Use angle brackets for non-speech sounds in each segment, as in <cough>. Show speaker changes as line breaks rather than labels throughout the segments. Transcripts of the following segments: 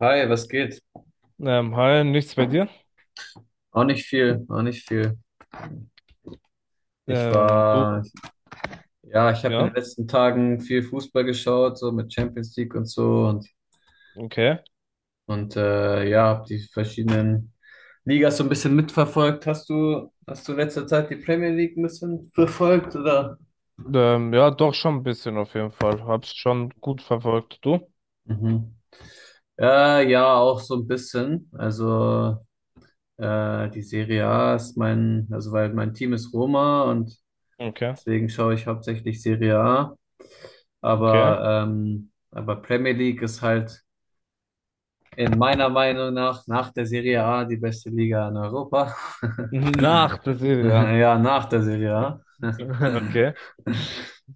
Hi, was geht?
Hi, nichts bei dir?
Auch nicht viel, auch nicht viel. Ich
Du,
war, ja, ich habe in den
ja,
letzten Tagen viel Fußball geschaut, so mit Champions League und so und,
okay.
und äh, ja, habe die verschiedenen Ligas so ein bisschen mitverfolgt. Hast du in letzter Zeit die Premier League ein bisschen verfolgt oder?
Ja, doch schon ein bisschen auf jeden Fall. Hab's schon gut verfolgt, du?
Mhm. Ja, auch so ein bisschen. Also die Serie A ist mein, also weil mein Team ist Roma und
Okay,
deswegen schaue ich hauptsächlich Serie A.
okay.
Aber Premier League ist halt in meiner Meinung nach der Serie A die beste Liga in Europa. <laughs>
<laughs> Nach der Serie, ja.
Ja, nach der Serie A.
<laughs> Okay.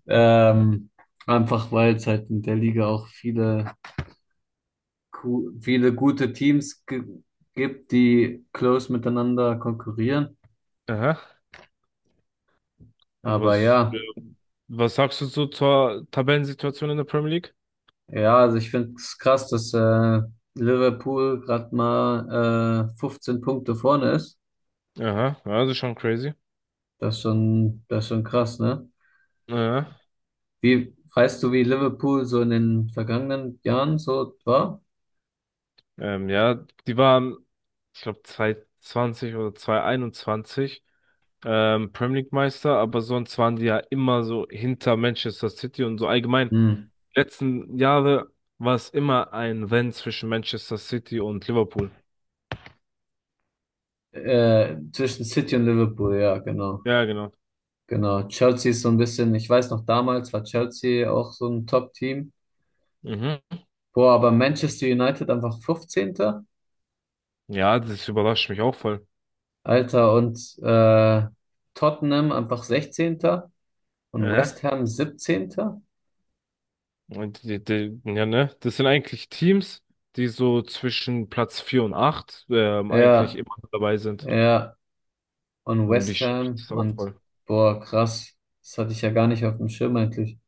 Ähm, einfach weil es halt in der Liga auch viele, viele gute Teams gibt, die close miteinander konkurrieren.
Aha.
Aber
Was,
ja,
ähm, Was sagst du so zur Tabellensituation in der Premier League?
ja, also ich finde es krass, dass Liverpool gerade mal 15 Punkte vorne ist.
Aha, ja, das ist schon crazy.
Das ist schon krass, ne?
Aha.
Wie Weißt du, wie Liverpool so in den vergangenen Jahren so war?
Ja, die waren, ich glaube, 2020 oder 2021 Premier League Meister, aber sonst waren die ja immer so hinter Manchester City und so allgemein.
Hm.
Die letzten Jahre war es immer ein Rennen zwischen Manchester City und Liverpool.
Zwischen City und Liverpool, ja, genau.
Ja, genau.
Genau. Chelsea ist so ein bisschen, ich weiß noch, damals war Chelsea auch so ein Top-Team.
Mhm.
Boah, aber Manchester United einfach 15.
Ja, das überrascht mich auch voll.
Alter, und Tottenham einfach 16. Und West
Aha.
Ham 17.
Und die, ja, ne? Das sind eigentlich Teams, die so zwischen Platz 4 und 8 eigentlich
Ja,
immer dabei sind.
ja, und
Und
West
mich schockiert
Ham
das auch
und
voll.
boah, krass. Das hatte ich ja gar nicht auf dem Schirm eigentlich.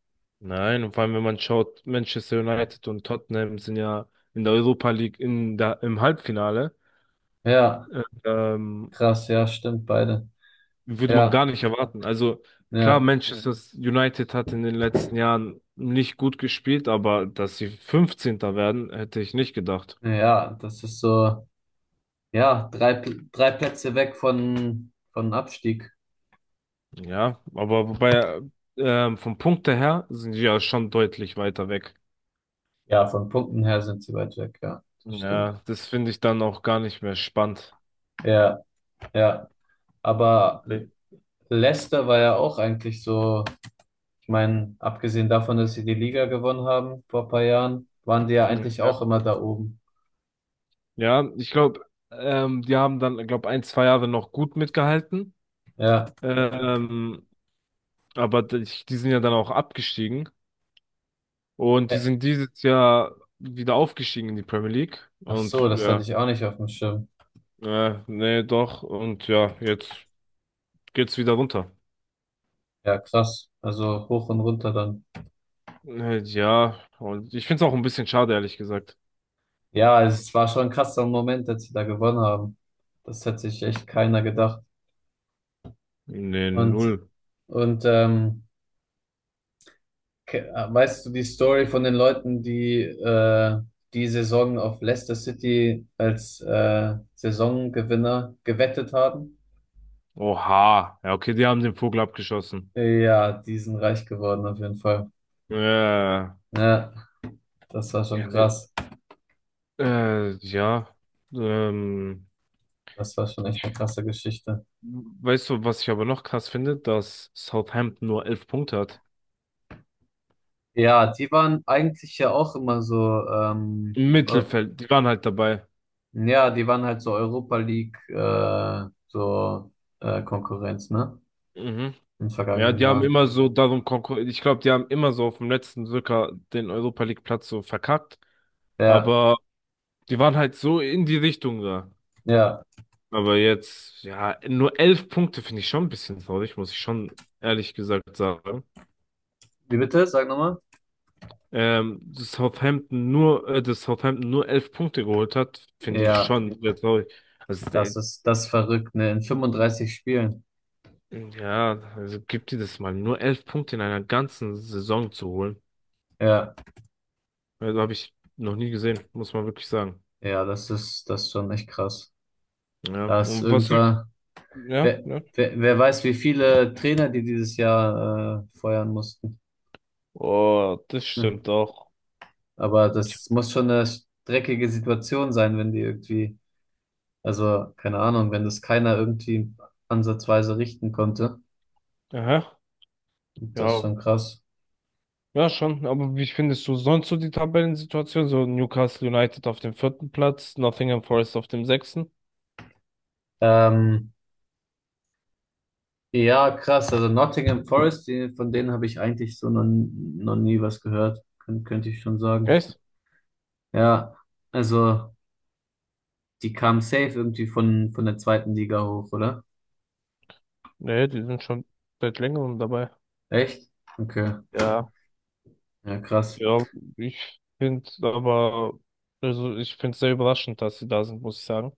Nein, und vor allem, wenn man schaut, Manchester United und Tottenham sind ja in der Europa League im Halbfinale.
Ja.
Ähm,
Krass, ja, stimmt, beide.
Würde man
Ja,
gar nicht erwarten. Also klar,
ja,
Manchester United hat in den letzten Jahren nicht gut gespielt, aber dass sie 15. werden, hätte ich nicht gedacht.
ja, das ist so, ja, drei, drei Plätze weg von Abstieg.
Ja, aber wobei vom Punkte her sind sie ja schon deutlich weiter weg.
Ja, von Punkten her sind sie weit weg, ja, das stimmt.
Ja, das finde ich dann auch gar nicht mehr spannend.
Ja, ja, aber
Ja,
Leicester war ja auch eigentlich so, ich meine, abgesehen davon, dass sie die Liga gewonnen haben vor ein paar Jahren, waren die ja eigentlich
ja.
auch immer da oben.
Ja, ich glaube, die haben dann, glaube ein, zwei Jahre noch gut mitgehalten.
Ja,
Ähm, aber die sind ja dann auch abgestiegen. Und
Ä-
die sind dieses Jahr wieder aufgestiegen in die Premier League.
ach
Und
so, das hatte
ja,
ich auch nicht auf dem Schirm.
nee, doch. Und ja, jetzt geht's wieder runter.
Ja, krass, also hoch und runter dann.
Ja, und ich find's auch ein bisschen schade, ehrlich gesagt.
Ja, es war schon ein krasser Moment, als sie da gewonnen haben. Das hätte sich echt keiner gedacht.
Nee,
Und,
null.
und weißt du die Story von den Leuten, die Saison auf Leicester City als Saisongewinner gewettet haben?
Oha. Ja, okay, die haben den Vogel abgeschossen.
Ja, die sind reich geworden auf jeden Fall.
Ja,
Ja, das war schon
ne,
krass.
ja. Ähm,
Das war schon echt eine krasse Geschichte.
Weißt du, was ich aber noch krass finde? Dass Southampton nur 11 Punkte hat.
Ja, die waren eigentlich ja auch immer so ähm,
Im
eu-
Mittelfeld, die waren halt dabei.
Ja, die waren halt so Europa League, so Konkurrenz, ne?
Mhm.
In den
Ja,
vergangenen
die haben
Jahren.
immer so darum konkurriert. Ich glaube, die haben immer so auf dem letzten Drücker den Europa League Platz so verkackt.
Ja,
Aber die waren halt so in die Richtung da.
ja.
Aber jetzt, ja, nur 11 Punkte finde ich schon ein bisschen traurig, muss ich schon ehrlich gesagt sagen.
Wie bitte? Sag nochmal.
Dass Southampton nur elf Punkte geholt hat, finde ich
Ja,
schon sehr traurig. Also,
das ist das ist verrückt, ne? In 35 Spielen.
ja, also gibt dir das mal, nur 11 Punkte in einer ganzen Saison zu holen.
Ja,
Also habe ich noch nie gesehen, muss man wirklich sagen.
ja, das ist schon echt krass.
Ja,
Da ist
und was ich,
irgendwann,
ja,
wer,
ja.
wer weiß, wie viele Trainer die dieses Jahr feuern mussten. <laughs>
Oh, das
Hm.
stimmt auch.
Aber das muss schon eine dreckige Situation sein, wenn die irgendwie. Also, keine Ahnung, wenn das keiner irgendwie ansatzweise richten konnte.
Aha,
Das ist
ja,
schon krass.
ja schon. Aber wie findest du sonst so die Tabellensituation? So Newcastle United auf dem vierten Platz, Nottingham Forest auf dem sechsten.
Ähm, ja, krass. Also Nottingham Forest, von denen habe ich eigentlich so noch nie was gehört, könnte ich schon sagen.
Echt?
Ja, also die kamen safe irgendwie von der zweiten Liga hoch, oder?
Nee, die sind schon seit längerem dabei.
Echt? Okay.
Ja,
Ja, krass.
ja, ich finde aber, also ich finde es sehr überraschend, dass sie da sind, muss ich sagen.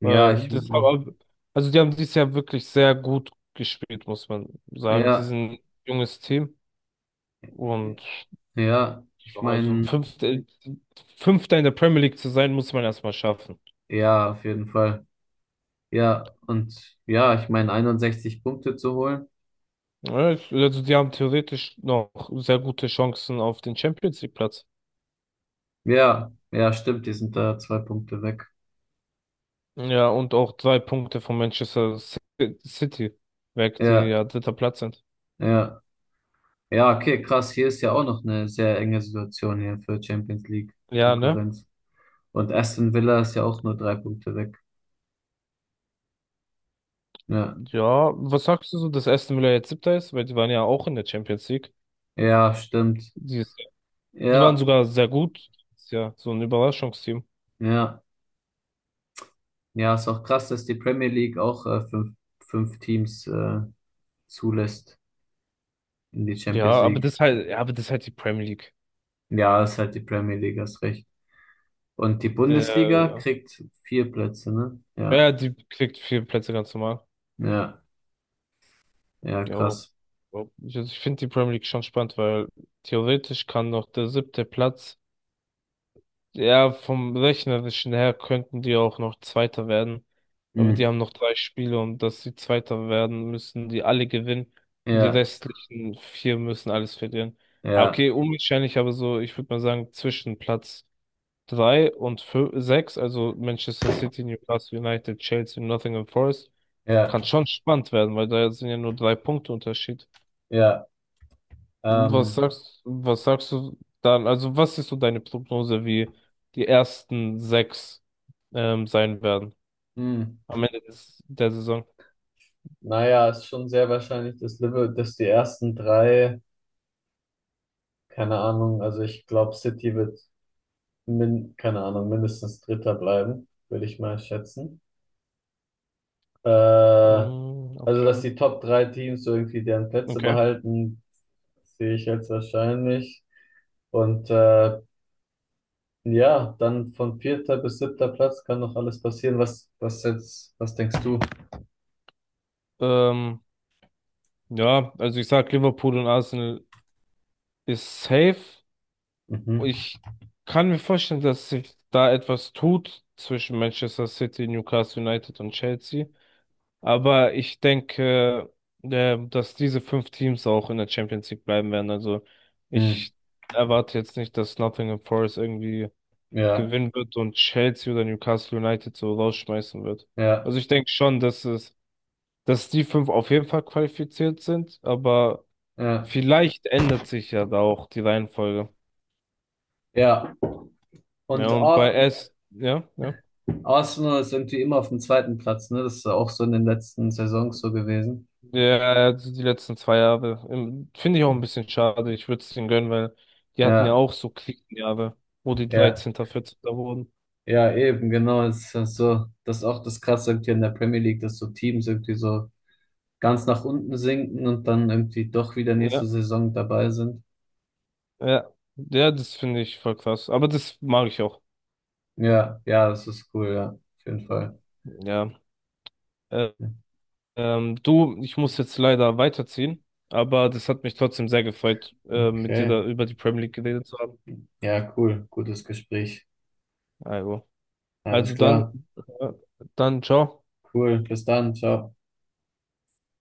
Ja,
Weil also die haben dieses Jahr wirklich sehr gut gespielt, muss man sagen. Die
ja,
sind ein junges Team und
ja, ich
also
meine,
Fünfter in der Premier League zu sein, muss man erstmal schaffen.
ja, auf jeden Fall. Ja, und ja, ich meine, 61 Punkte zu holen.
Ja, also die haben theoretisch noch sehr gute Chancen auf den Champions League Platz.
Ja, ja, stimmt, die sind da zwei Punkte weg.
Ja, und auch drei Punkte von Manchester City weg, die
Ja,
ja dritter Platz sind.
ja, ja, okay, krass. Hier ist ja auch noch eine sehr enge Situation hier für Champions League
Ja, ne?
Konkurrenz. Und Aston Villa ist ja auch nur drei Punkte weg. Ja,
Ja, was sagst du so, dass Aston Villa jetzt siebter ist? Weil die waren ja auch in der Champions League.
ja, stimmt.
Die, ist, Die waren
Ja,
sogar sehr gut. Ist ja so ein Überraschungsteam.
ja, ja, ist auch krass, dass die Premier League auch fünf Teams zulässt in die
Ja,
Champions League.
aber das ist halt die Premier League.
Ja, ist halt die Premier League, hast recht. Und die Bundesliga
Der,
kriegt vier Plätze, ne? Ja,
ja, die kriegt vier Plätze ganz normal.
ja, ja,
Ja,
krass.
aber also ich finde die Premier League schon spannend, weil theoretisch kann noch der siebte Platz, ja, vom rechnerischen her könnten die auch noch Zweiter werden. Aber die
Mhm.
haben noch drei Spiele und dass sie Zweiter werden, müssen die alle gewinnen. Und die
Ja.
restlichen vier müssen alles verlieren. Ja,
Ja,
okay, unwahrscheinlich, aber so, ich würde mal sagen, zwischen Platz drei und sechs, also Manchester City, Newcastle United, Chelsea, Nottingham Forest,
ja,
kann schon spannend werden, weil da sind ja nur drei Punkte Unterschied.
ja. Ähm,
Was sagst du dann? Also, was ist so deine Prognose, wie die ersten sechs sein werden
hm.
am Ende der Saison?
Naja, ist schon sehr wahrscheinlich, dass die ersten drei, keine Ahnung, also ich glaube, City wird, keine Ahnung, mindestens Dritter bleiben, würde ich mal schätzen. Äh,
Mm,
also, dass
okay.
die Top drei Teams so irgendwie deren Plätze
Okay.
behalten, sehe ich jetzt wahrscheinlich. Und ja, dann von vierter bis siebter Platz kann noch alles passieren. Was denkst du?
Ähm, ja, also ich sag Liverpool und Arsenal ist safe.
Mhm.
Ich kann mir vorstellen, dass sich da etwas tut zwischen Manchester City, Newcastle United und Chelsea. Aber ich denke, dass diese fünf Teams auch in der Champions League bleiben werden. Also
Mhm.
ich erwarte jetzt nicht, dass Nottingham Forest irgendwie
Ja,
gewinnen wird und Chelsea oder Newcastle United so rausschmeißen wird.
ja.
Also ich denke schon, dass die fünf auf jeden Fall qualifiziert sind, aber
Ja,
vielleicht ändert sich ja da auch die Reihenfolge.
ja.
Ja,
Und
und
Ar
Ja, ja.
Arsenal ist irgendwie immer auf dem zweiten Platz, ne? Das ist ja auch so in den letzten Saisons so gewesen.
Ja, also die letzten zwei Jahre, finde ich auch ein bisschen schade. Ich würde es denen gönnen, weil die hatten ja
Ja,
auch so Krisenjahre, wo die
ja,
13., 14. wurden.
ja, eben, genau. Das ist ja so, das ist auch das Krasse irgendwie in der Premier League, dass so Teams irgendwie so ganz nach unten sinken und dann irgendwie doch wieder nächste
Ja,
Saison dabei sind.
ja. Ja, das finde ich voll krass. Aber das mag ich auch.
Ja, ja, das ist cool, ja, auf jeden Fall.
Ja. Äh, Du, ich muss jetzt leider weiterziehen, aber das hat mich trotzdem sehr gefreut, mit dir
Okay,
da über die Premier League geredet zu haben.
ja, cool. Gutes Gespräch.
Also,
Alles
also, dann,
klar.
äh, dann ciao.
Cool. Bis dann. Ciao.